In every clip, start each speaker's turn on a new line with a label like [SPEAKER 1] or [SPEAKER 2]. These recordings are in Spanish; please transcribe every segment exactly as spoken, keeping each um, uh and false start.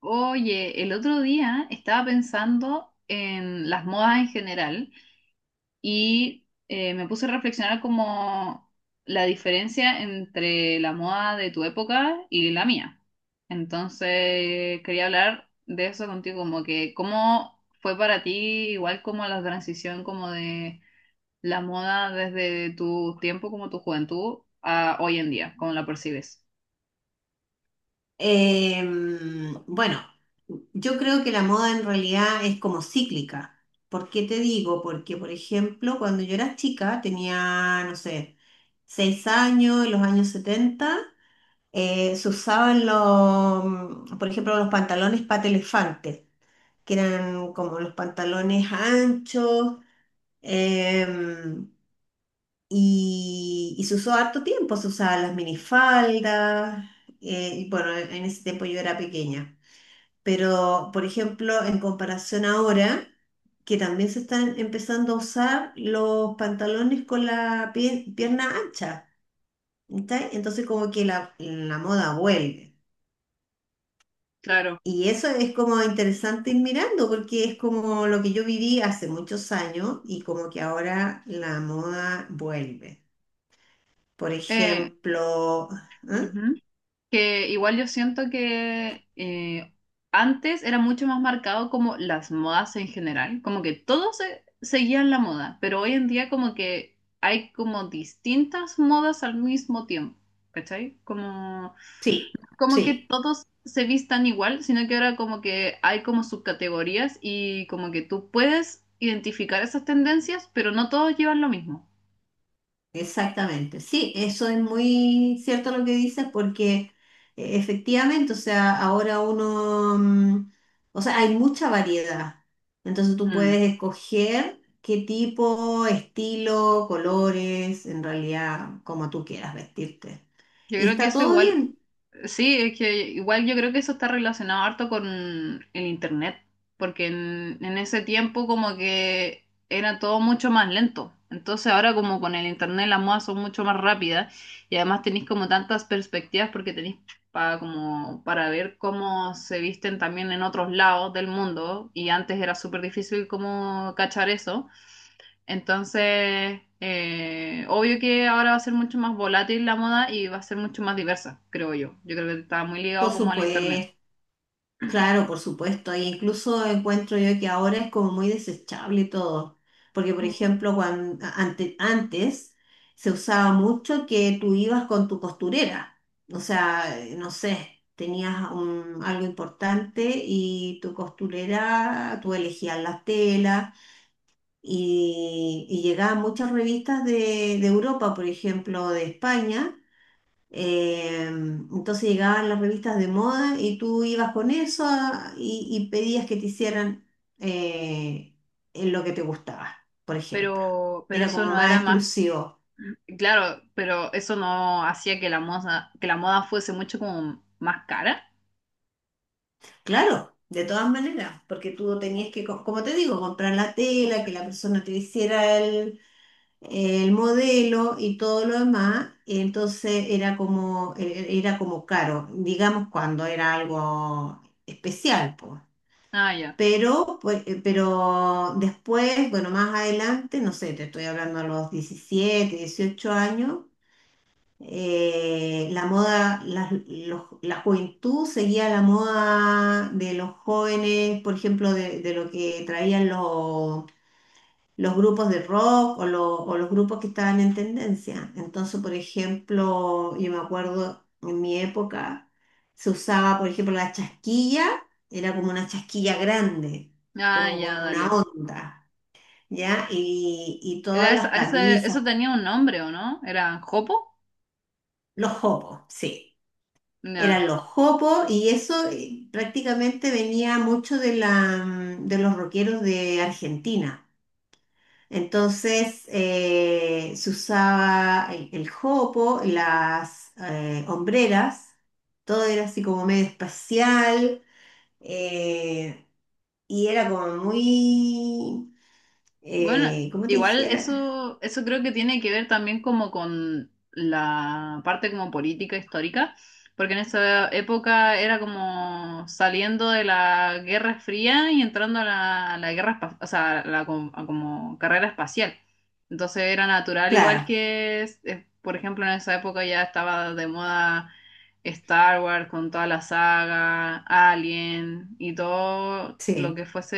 [SPEAKER 1] Oye, el otro día estaba pensando en las modas en general y eh, me puse a reflexionar como la diferencia entre la moda de tu época y la mía. Entonces, quería hablar de eso contigo, como que cómo fue para ti, igual como la transición como de la moda desde tu tiempo como tu juventud a hoy en día, cómo la percibes.
[SPEAKER 2] Eh, bueno, yo creo que la moda en realidad es como cíclica. ¿Por qué te digo? Porque, por ejemplo, cuando yo era chica, tenía, no sé, seis años, en los años setenta eh, se usaban los, mm, por ejemplo, los pantalones pata elefante, que eran como los pantalones anchos, em, y, y se usó harto tiempo, se usaban las minifaldas, eh, y bueno, en en ese tiempo yo era pequeña. Pero, por ejemplo, en comparación ahora, que también se están empezando a usar los pantalones con la pie- pierna ancha, ¿cachai? Entonces como que la, la moda vuelve.
[SPEAKER 1] Claro.
[SPEAKER 2] Y eso es como interesante ir mirando, porque es como lo que yo viví hace muchos años y como que ahora la moda vuelve. Por
[SPEAKER 1] Eh,
[SPEAKER 2] ejemplo, ¿eh?
[SPEAKER 1] Ujú. Que igual yo siento que eh, antes era mucho más marcado como las modas en general, como que todos se- seguían la moda, pero hoy en día como que hay como distintas modas al mismo tiempo, ¿cachai? Como,
[SPEAKER 2] Sí,
[SPEAKER 1] como que
[SPEAKER 2] sí.
[SPEAKER 1] todos se vistan igual, sino que ahora como que hay como subcategorías y como que tú puedes identificar esas tendencias, pero no todos llevan lo mismo.
[SPEAKER 2] Exactamente, sí, eso es muy cierto lo que dices porque eh, efectivamente, o sea, ahora uno, mm, o sea, hay mucha variedad, entonces tú
[SPEAKER 1] Mm.
[SPEAKER 2] puedes escoger qué tipo, estilo, colores, en realidad, como tú quieras vestirte.
[SPEAKER 1] Yo
[SPEAKER 2] Y
[SPEAKER 1] creo que
[SPEAKER 2] está
[SPEAKER 1] eso
[SPEAKER 2] todo
[SPEAKER 1] igual.
[SPEAKER 2] bien,
[SPEAKER 1] Sí, es que igual yo creo que eso está relacionado harto con el internet, porque en, en ese tiempo como que era todo mucho más lento. Entonces ahora como con el internet las modas son mucho más rápidas y además tenéis como tantas perspectivas porque tenéis para como para ver cómo se visten también en otros lados del mundo y antes era súper difícil como cachar eso. Entonces, eh, obvio que ahora va a ser mucho más volátil la moda y va a ser mucho más diversa, creo yo. Yo creo que está muy ligado
[SPEAKER 2] por
[SPEAKER 1] como al internet.
[SPEAKER 2] supuesto. Claro, por supuesto, e incluso encuentro yo que ahora es como muy desechable todo, porque por
[SPEAKER 1] Mm.
[SPEAKER 2] ejemplo, cuan- ante- antes se usaba mucho que tú ibas con tu costurera, o sea, eh, no sé, tenías un- algo importante y tu costurera, tú elegías las telas y, y llegaban muchas revistas de, de Europa, por ejemplo, de España eh, entonces llegaban las revistas de moda y tú ibas con eso a- y, y pedías que te hicieran eh, en lo que te gustaba, por ejemplo.
[SPEAKER 1] Pero, pero
[SPEAKER 2] Era
[SPEAKER 1] eso
[SPEAKER 2] como
[SPEAKER 1] no
[SPEAKER 2] más
[SPEAKER 1] era más.
[SPEAKER 2] exclusivo.
[SPEAKER 1] Claro, pero eso no hacía que la moda, que la moda fuese mucho como más cara.
[SPEAKER 2] Claro, de todas maneras, porque tú tenías que, co- como te digo, comprar la tela, que la persona te hiciera el, el modelo y todo lo demás. y Entonces era como, e- e-, era como caro, digamos cuando era algo especial, pues.
[SPEAKER 1] Ah, ya.
[SPEAKER 2] Pero, pues, eh, pero después, bueno, más adelante, no sé, te estoy hablando a los diecisiete dieciocho años, eh, la moda, la, los- la juventud seguía la moda de los jóvenes, por ejemplo, de, de lo que traían los, los grupos de rock o, lo- o los grupos que estaban en tendencia. Entonces, por ejemplo, yo me acuerdo en mi época se usaba, por ejemplo, la chasquilla, era como una chasquilla grande,
[SPEAKER 1] Ah,
[SPEAKER 2] como con
[SPEAKER 1] ya,
[SPEAKER 2] una
[SPEAKER 1] dale.
[SPEAKER 2] onda, ¿ya? Y, y todas
[SPEAKER 1] Era esa-
[SPEAKER 2] las
[SPEAKER 1] ese-
[SPEAKER 2] camisas,
[SPEAKER 1] eso tenía un nombre, ¿o no? ¿Era jopo?
[SPEAKER 2] los jopos, sí. Eran
[SPEAKER 1] Ya.
[SPEAKER 2] los jopos y eso eh, prácticamente venía mucho de la, mm, de los rockeros de Argentina. Entonces eh, se usaba el, el jopo, las eh, hombreras, todo era así como medio espacial, eh, y era como muy,
[SPEAKER 1] Bueno,
[SPEAKER 2] eh, ¿cómo te
[SPEAKER 1] igual
[SPEAKER 2] dijera?
[SPEAKER 1] eso, eso creo que tiene que ver también como con la parte como política histórica, porque en esa época era como saliendo de la Guerra Fría y entrando a la, a la guerra, espa- o sea, a la, com- a como carrera espacial. Entonces era natural, igual
[SPEAKER 2] Claro,
[SPEAKER 1] que, es- es, por ejemplo, en esa época ya estaba de moda Star Wars con toda la saga, Alien y todo lo que
[SPEAKER 2] sí,
[SPEAKER 1] fuese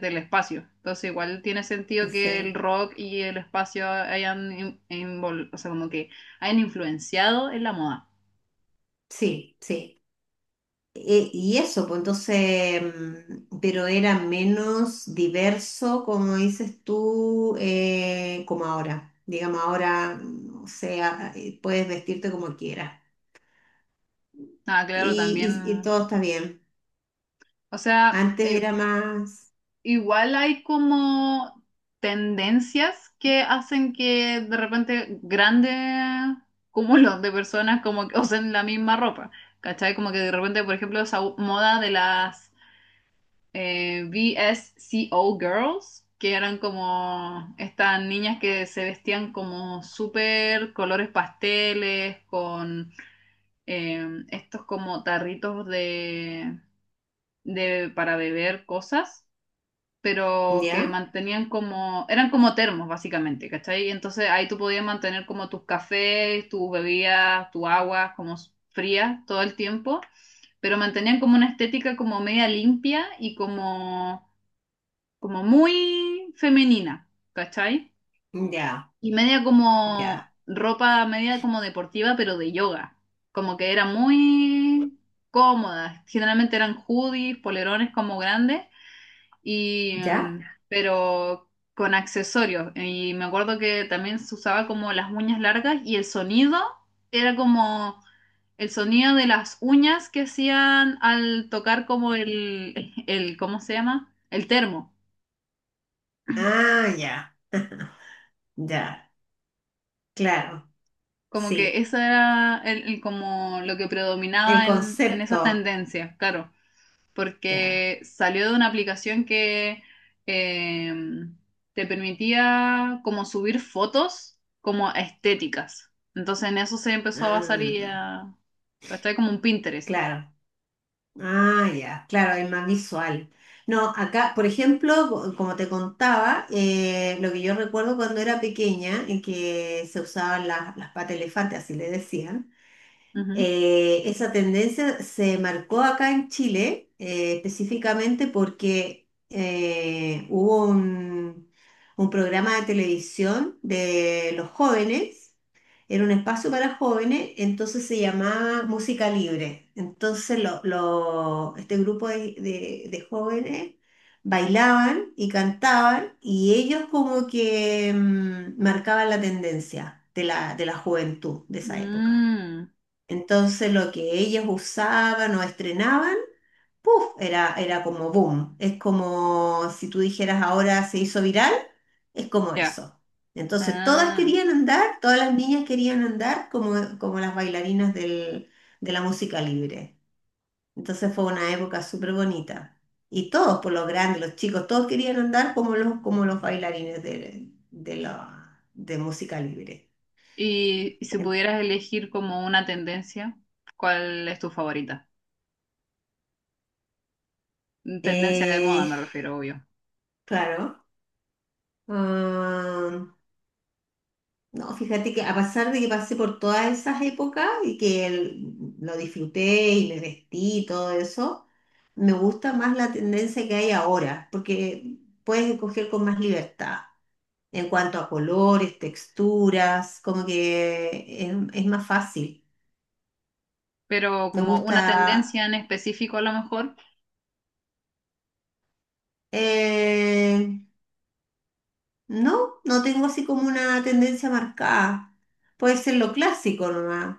[SPEAKER 1] del espacio. Entonces igual tiene sentido que el
[SPEAKER 2] sí,
[SPEAKER 1] rock y el espacio hayan, in- invol- o sea, como que hayan influenciado en la moda.
[SPEAKER 2] sí, sí. Eh, y eso, pues entonces, mm, pero era menos diverso, como dices tú, eh, como ahora. Digamos, ahora, mm, o sea, eh, puedes vestirte como quieras.
[SPEAKER 1] Ah, claro,
[SPEAKER 2] Y, y- y
[SPEAKER 1] también.
[SPEAKER 2] todo está bien.
[SPEAKER 1] O sea,
[SPEAKER 2] Antes era
[SPEAKER 1] eh,
[SPEAKER 2] más,
[SPEAKER 1] igual hay como tendencias que hacen que de repente grandes cúmulos de personas como que usen la misma ropa. ¿Cachai? Como que de repente, por ejemplo, esa moda de las eh, visco Girls, que eran como estas niñas que se vestían como súper colores pasteles, con eh, estos como tarritos de, de para beber cosas, pero que
[SPEAKER 2] ¿ya?
[SPEAKER 1] mantenían como, eran como termos básicamente, ¿cachai? Entonces ahí tú podías mantener como tus cafés, tus bebidas, tu agua como frías todo el tiempo. Pero mantenían como una estética como media limpia y como como muy femenina, ¿cachai?
[SPEAKER 2] Ya,
[SPEAKER 1] Y media como
[SPEAKER 2] ya,
[SPEAKER 1] ropa, media como deportiva, pero de yoga. Como que era muy cómoda. Generalmente eran hoodies, polerones como grandes, y,
[SPEAKER 2] ya.
[SPEAKER 1] em, pero con accesorios. Y me acuerdo que también se usaba como las uñas largas y el sonido era como el sonido de las uñas que hacían al tocar como el, el, ¿cómo se llama? El termo.
[SPEAKER 2] Ah, ya, ya, claro,
[SPEAKER 1] Como que
[SPEAKER 2] sí.
[SPEAKER 1] eso era el, el- como lo que
[SPEAKER 2] El
[SPEAKER 1] predominaba en, en esa
[SPEAKER 2] concepto,
[SPEAKER 1] tendencia, claro,
[SPEAKER 2] claro.
[SPEAKER 1] porque salió de una aplicación que eh, te permitía como subir fotos como estéticas. Entonces en eso se empezó a basar y
[SPEAKER 2] Ah,
[SPEAKER 1] a... ¿Cachai? Como un Pinterest.
[SPEAKER 2] claro. Ah, ya, claro, es más visual. No, acá, por ejemplo, co- como te contaba, eh, lo que yo recuerdo cuando era pequeña, en que se usaban las, las patas de elefante, así le decían.
[SPEAKER 1] Ujú.
[SPEAKER 2] Eh, esa tendencia se marcó acá en Chile, eh, específicamente porque eh, hubo un, un programa de televisión de los jóvenes, era un espacio para jóvenes, entonces se llamaba Música Libre. Entonces lo- lo- este grupo de, de- de jóvenes bailaban y cantaban y ellos como que mm, marcaban la tendencia de la, de la juventud de esa época.
[SPEAKER 1] Mm,
[SPEAKER 2] Entonces lo que ellos usaban o estrenaban, ¡puf! Era, era como boom. Es como si tú dijeras ahora se hizo viral, es como
[SPEAKER 1] ya.
[SPEAKER 2] eso. Entonces todas
[SPEAKER 1] Ah.
[SPEAKER 2] querían andar, todas las niñas querían andar como, como las bailarinas del- de la música libre. Entonces fue una época súper bonita. Y todos, por los grandes, los chicos, todos querían andar como los, como los bailarines de, de, la, de música libre.
[SPEAKER 1] Y, y si pudieras elegir como una tendencia, ¿cuál es tu favorita? Tendencia de moda
[SPEAKER 2] Eh,
[SPEAKER 1] me refiero, obvio.
[SPEAKER 2] claro. Ah, no, fíjate que a pesar de que pasé por todas esas épocas y que el- lo disfruté y me vestí y todo eso, me gusta más la tendencia que hay ahora, porque puedes escoger con más libertad en cuanto a colores, texturas, como que es, es más fácil.
[SPEAKER 1] Pero
[SPEAKER 2] Me
[SPEAKER 1] como
[SPEAKER 2] gusta,
[SPEAKER 1] una tendencia en específico a lo mejor,
[SPEAKER 2] eh, no, no tengo así como una tendencia marcada. Puede ser lo clásico nomás,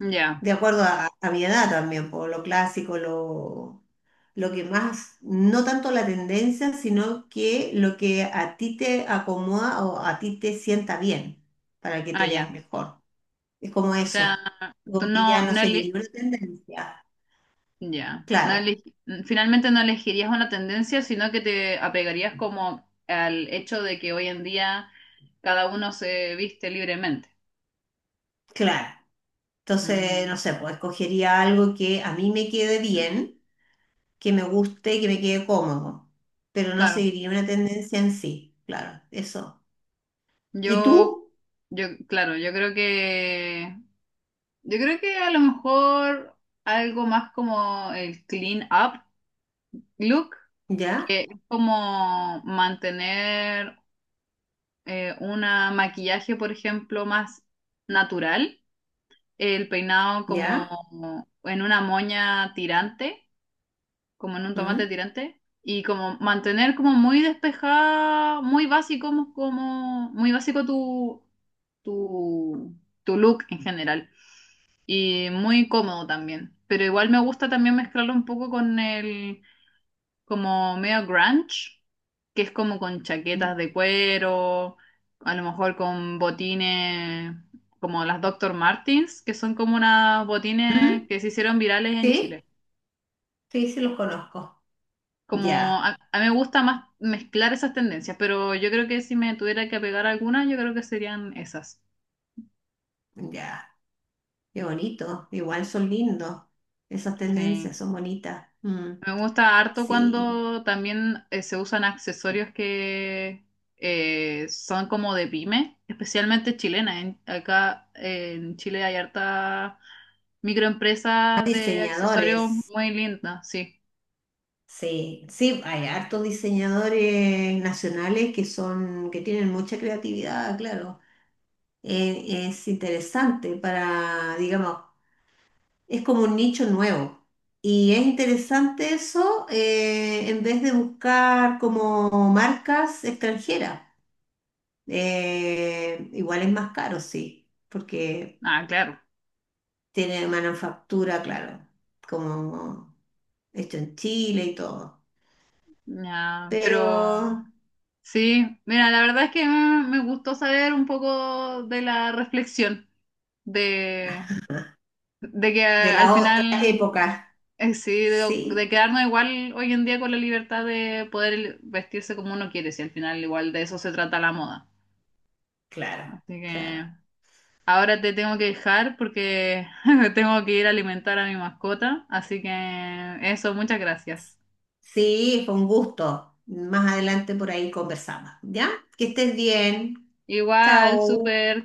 [SPEAKER 1] ya,
[SPEAKER 2] de acuerdo a, a mi edad también, por lo clásico, lo, lo que más, no tanto la tendencia, sino que lo que a ti te acomoda o a ti te sienta bien, para que
[SPEAKER 1] ah,
[SPEAKER 2] te veas
[SPEAKER 1] ya.
[SPEAKER 2] mejor. Es como
[SPEAKER 1] O sea,
[SPEAKER 2] eso,
[SPEAKER 1] tú
[SPEAKER 2] como que ya
[SPEAKER 1] no,
[SPEAKER 2] no
[SPEAKER 1] no ele-
[SPEAKER 2] seguiría una tendencia.
[SPEAKER 1] ya, no
[SPEAKER 2] Claro,
[SPEAKER 1] eleg- finalmente no elegirías una tendencia, sino que te apegarías como al hecho de que hoy en día cada uno se viste libremente.
[SPEAKER 2] claro. Entonces,
[SPEAKER 1] Mm,
[SPEAKER 2] no sé, pues escogería algo que a mí me quede bien, que me guste, que me quede cómodo, pero no
[SPEAKER 1] claro,
[SPEAKER 2] seguiría una tendencia en sí, claro, eso. ¿Y
[SPEAKER 1] yo,
[SPEAKER 2] tú?
[SPEAKER 1] yo, claro, yo creo que, yo creo que a lo mejor algo más como el clean up look,
[SPEAKER 2] ¿Ya?
[SPEAKER 1] que es como mantener eh, una maquillaje, por ejemplo, más natural, el peinado
[SPEAKER 2] ¿Ya?
[SPEAKER 1] como en una moña tirante, como en un tomate
[SPEAKER 2] ¿Mm?
[SPEAKER 1] tirante, y como mantener como muy despejada, muy básico, como, como- muy básico tu, tu, tu look en general, y muy cómodo también. Pero igual me gusta también mezclarlo un poco con el como medio grunge, que es como con chaquetas de cuero, a lo mejor con botines como las doctor Martens, que son como unas botines
[SPEAKER 2] ¿Mm?
[SPEAKER 1] que se hicieron virales en
[SPEAKER 2] ¿Sí?
[SPEAKER 1] Chile.
[SPEAKER 2] Sí, sí los conozco.
[SPEAKER 1] Como
[SPEAKER 2] Ya,
[SPEAKER 1] a, a mí me gusta más mezclar esas tendencias, pero yo creo que si me tuviera que pegar algunas, yo creo que serían esas.
[SPEAKER 2] ya. Qué bonito. Igual son lindos. Esas
[SPEAKER 1] Sí.
[SPEAKER 2] tendencias son bonitas. Mm,
[SPEAKER 1] Me gusta harto
[SPEAKER 2] sí.
[SPEAKER 1] cuando también eh, se usan accesorios que eh, son como de pyme, especialmente chilena. En- acá eh, en Chile hay harta microempresa
[SPEAKER 2] Hay
[SPEAKER 1] de accesorios
[SPEAKER 2] diseñadores.
[SPEAKER 1] muy linda, sí.
[SPEAKER 2] Sí, sí, hay hartos diseñadores nacionales que son, que tienen mucha creatividad, claro, eh, es interesante para, digamos, es como un nicho nuevo. Y es interesante eso, eh, en vez de buscar como marcas extranjeras. Eh, igual es más caro, sí, porque
[SPEAKER 1] Ah, claro.
[SPEAKER 2] tiene manufactura, claro, como hecho en Chile y todo.
[SPEAKER 1] Ya,
[SPEAKER 2] Pero
[SPEAKER 1] pero sí, mira, la verdad es que mm, me gustó saber un poco de la reflexión de, de que
[SPEAKER 2] de
[SPEAKER 1] eh, al
[SPEAKER 2] la otra
[SPEAKER 1] final.
[SPEAKER 2] época,
[SPEAKER 1] Eh, Sí, de, de
[SPEAKER 2] sí,
[SPEAKER 1] quedarnos igual hoy en día con la libertad de poder el- vestirse como uno quiere, si al final igual de eso se trata la moda.
[SPEAKER 2] claro,
[SPEAKER 1] Así que
[SPEAKER 2] claro.
[SPEAKER 1] ahora te tengo que dejar porque tengo que ir a alimentar a mi mascota, así que eso, muchas gracias.
[SPEAKER 2] Sí, fue un gusto. Más adelante por ahí conversamos, ¿ya? Que estés bien.
[SPEAKER 1] Igual,
[SPEAKER 2] Chao.
[SPEAKER 1] súper.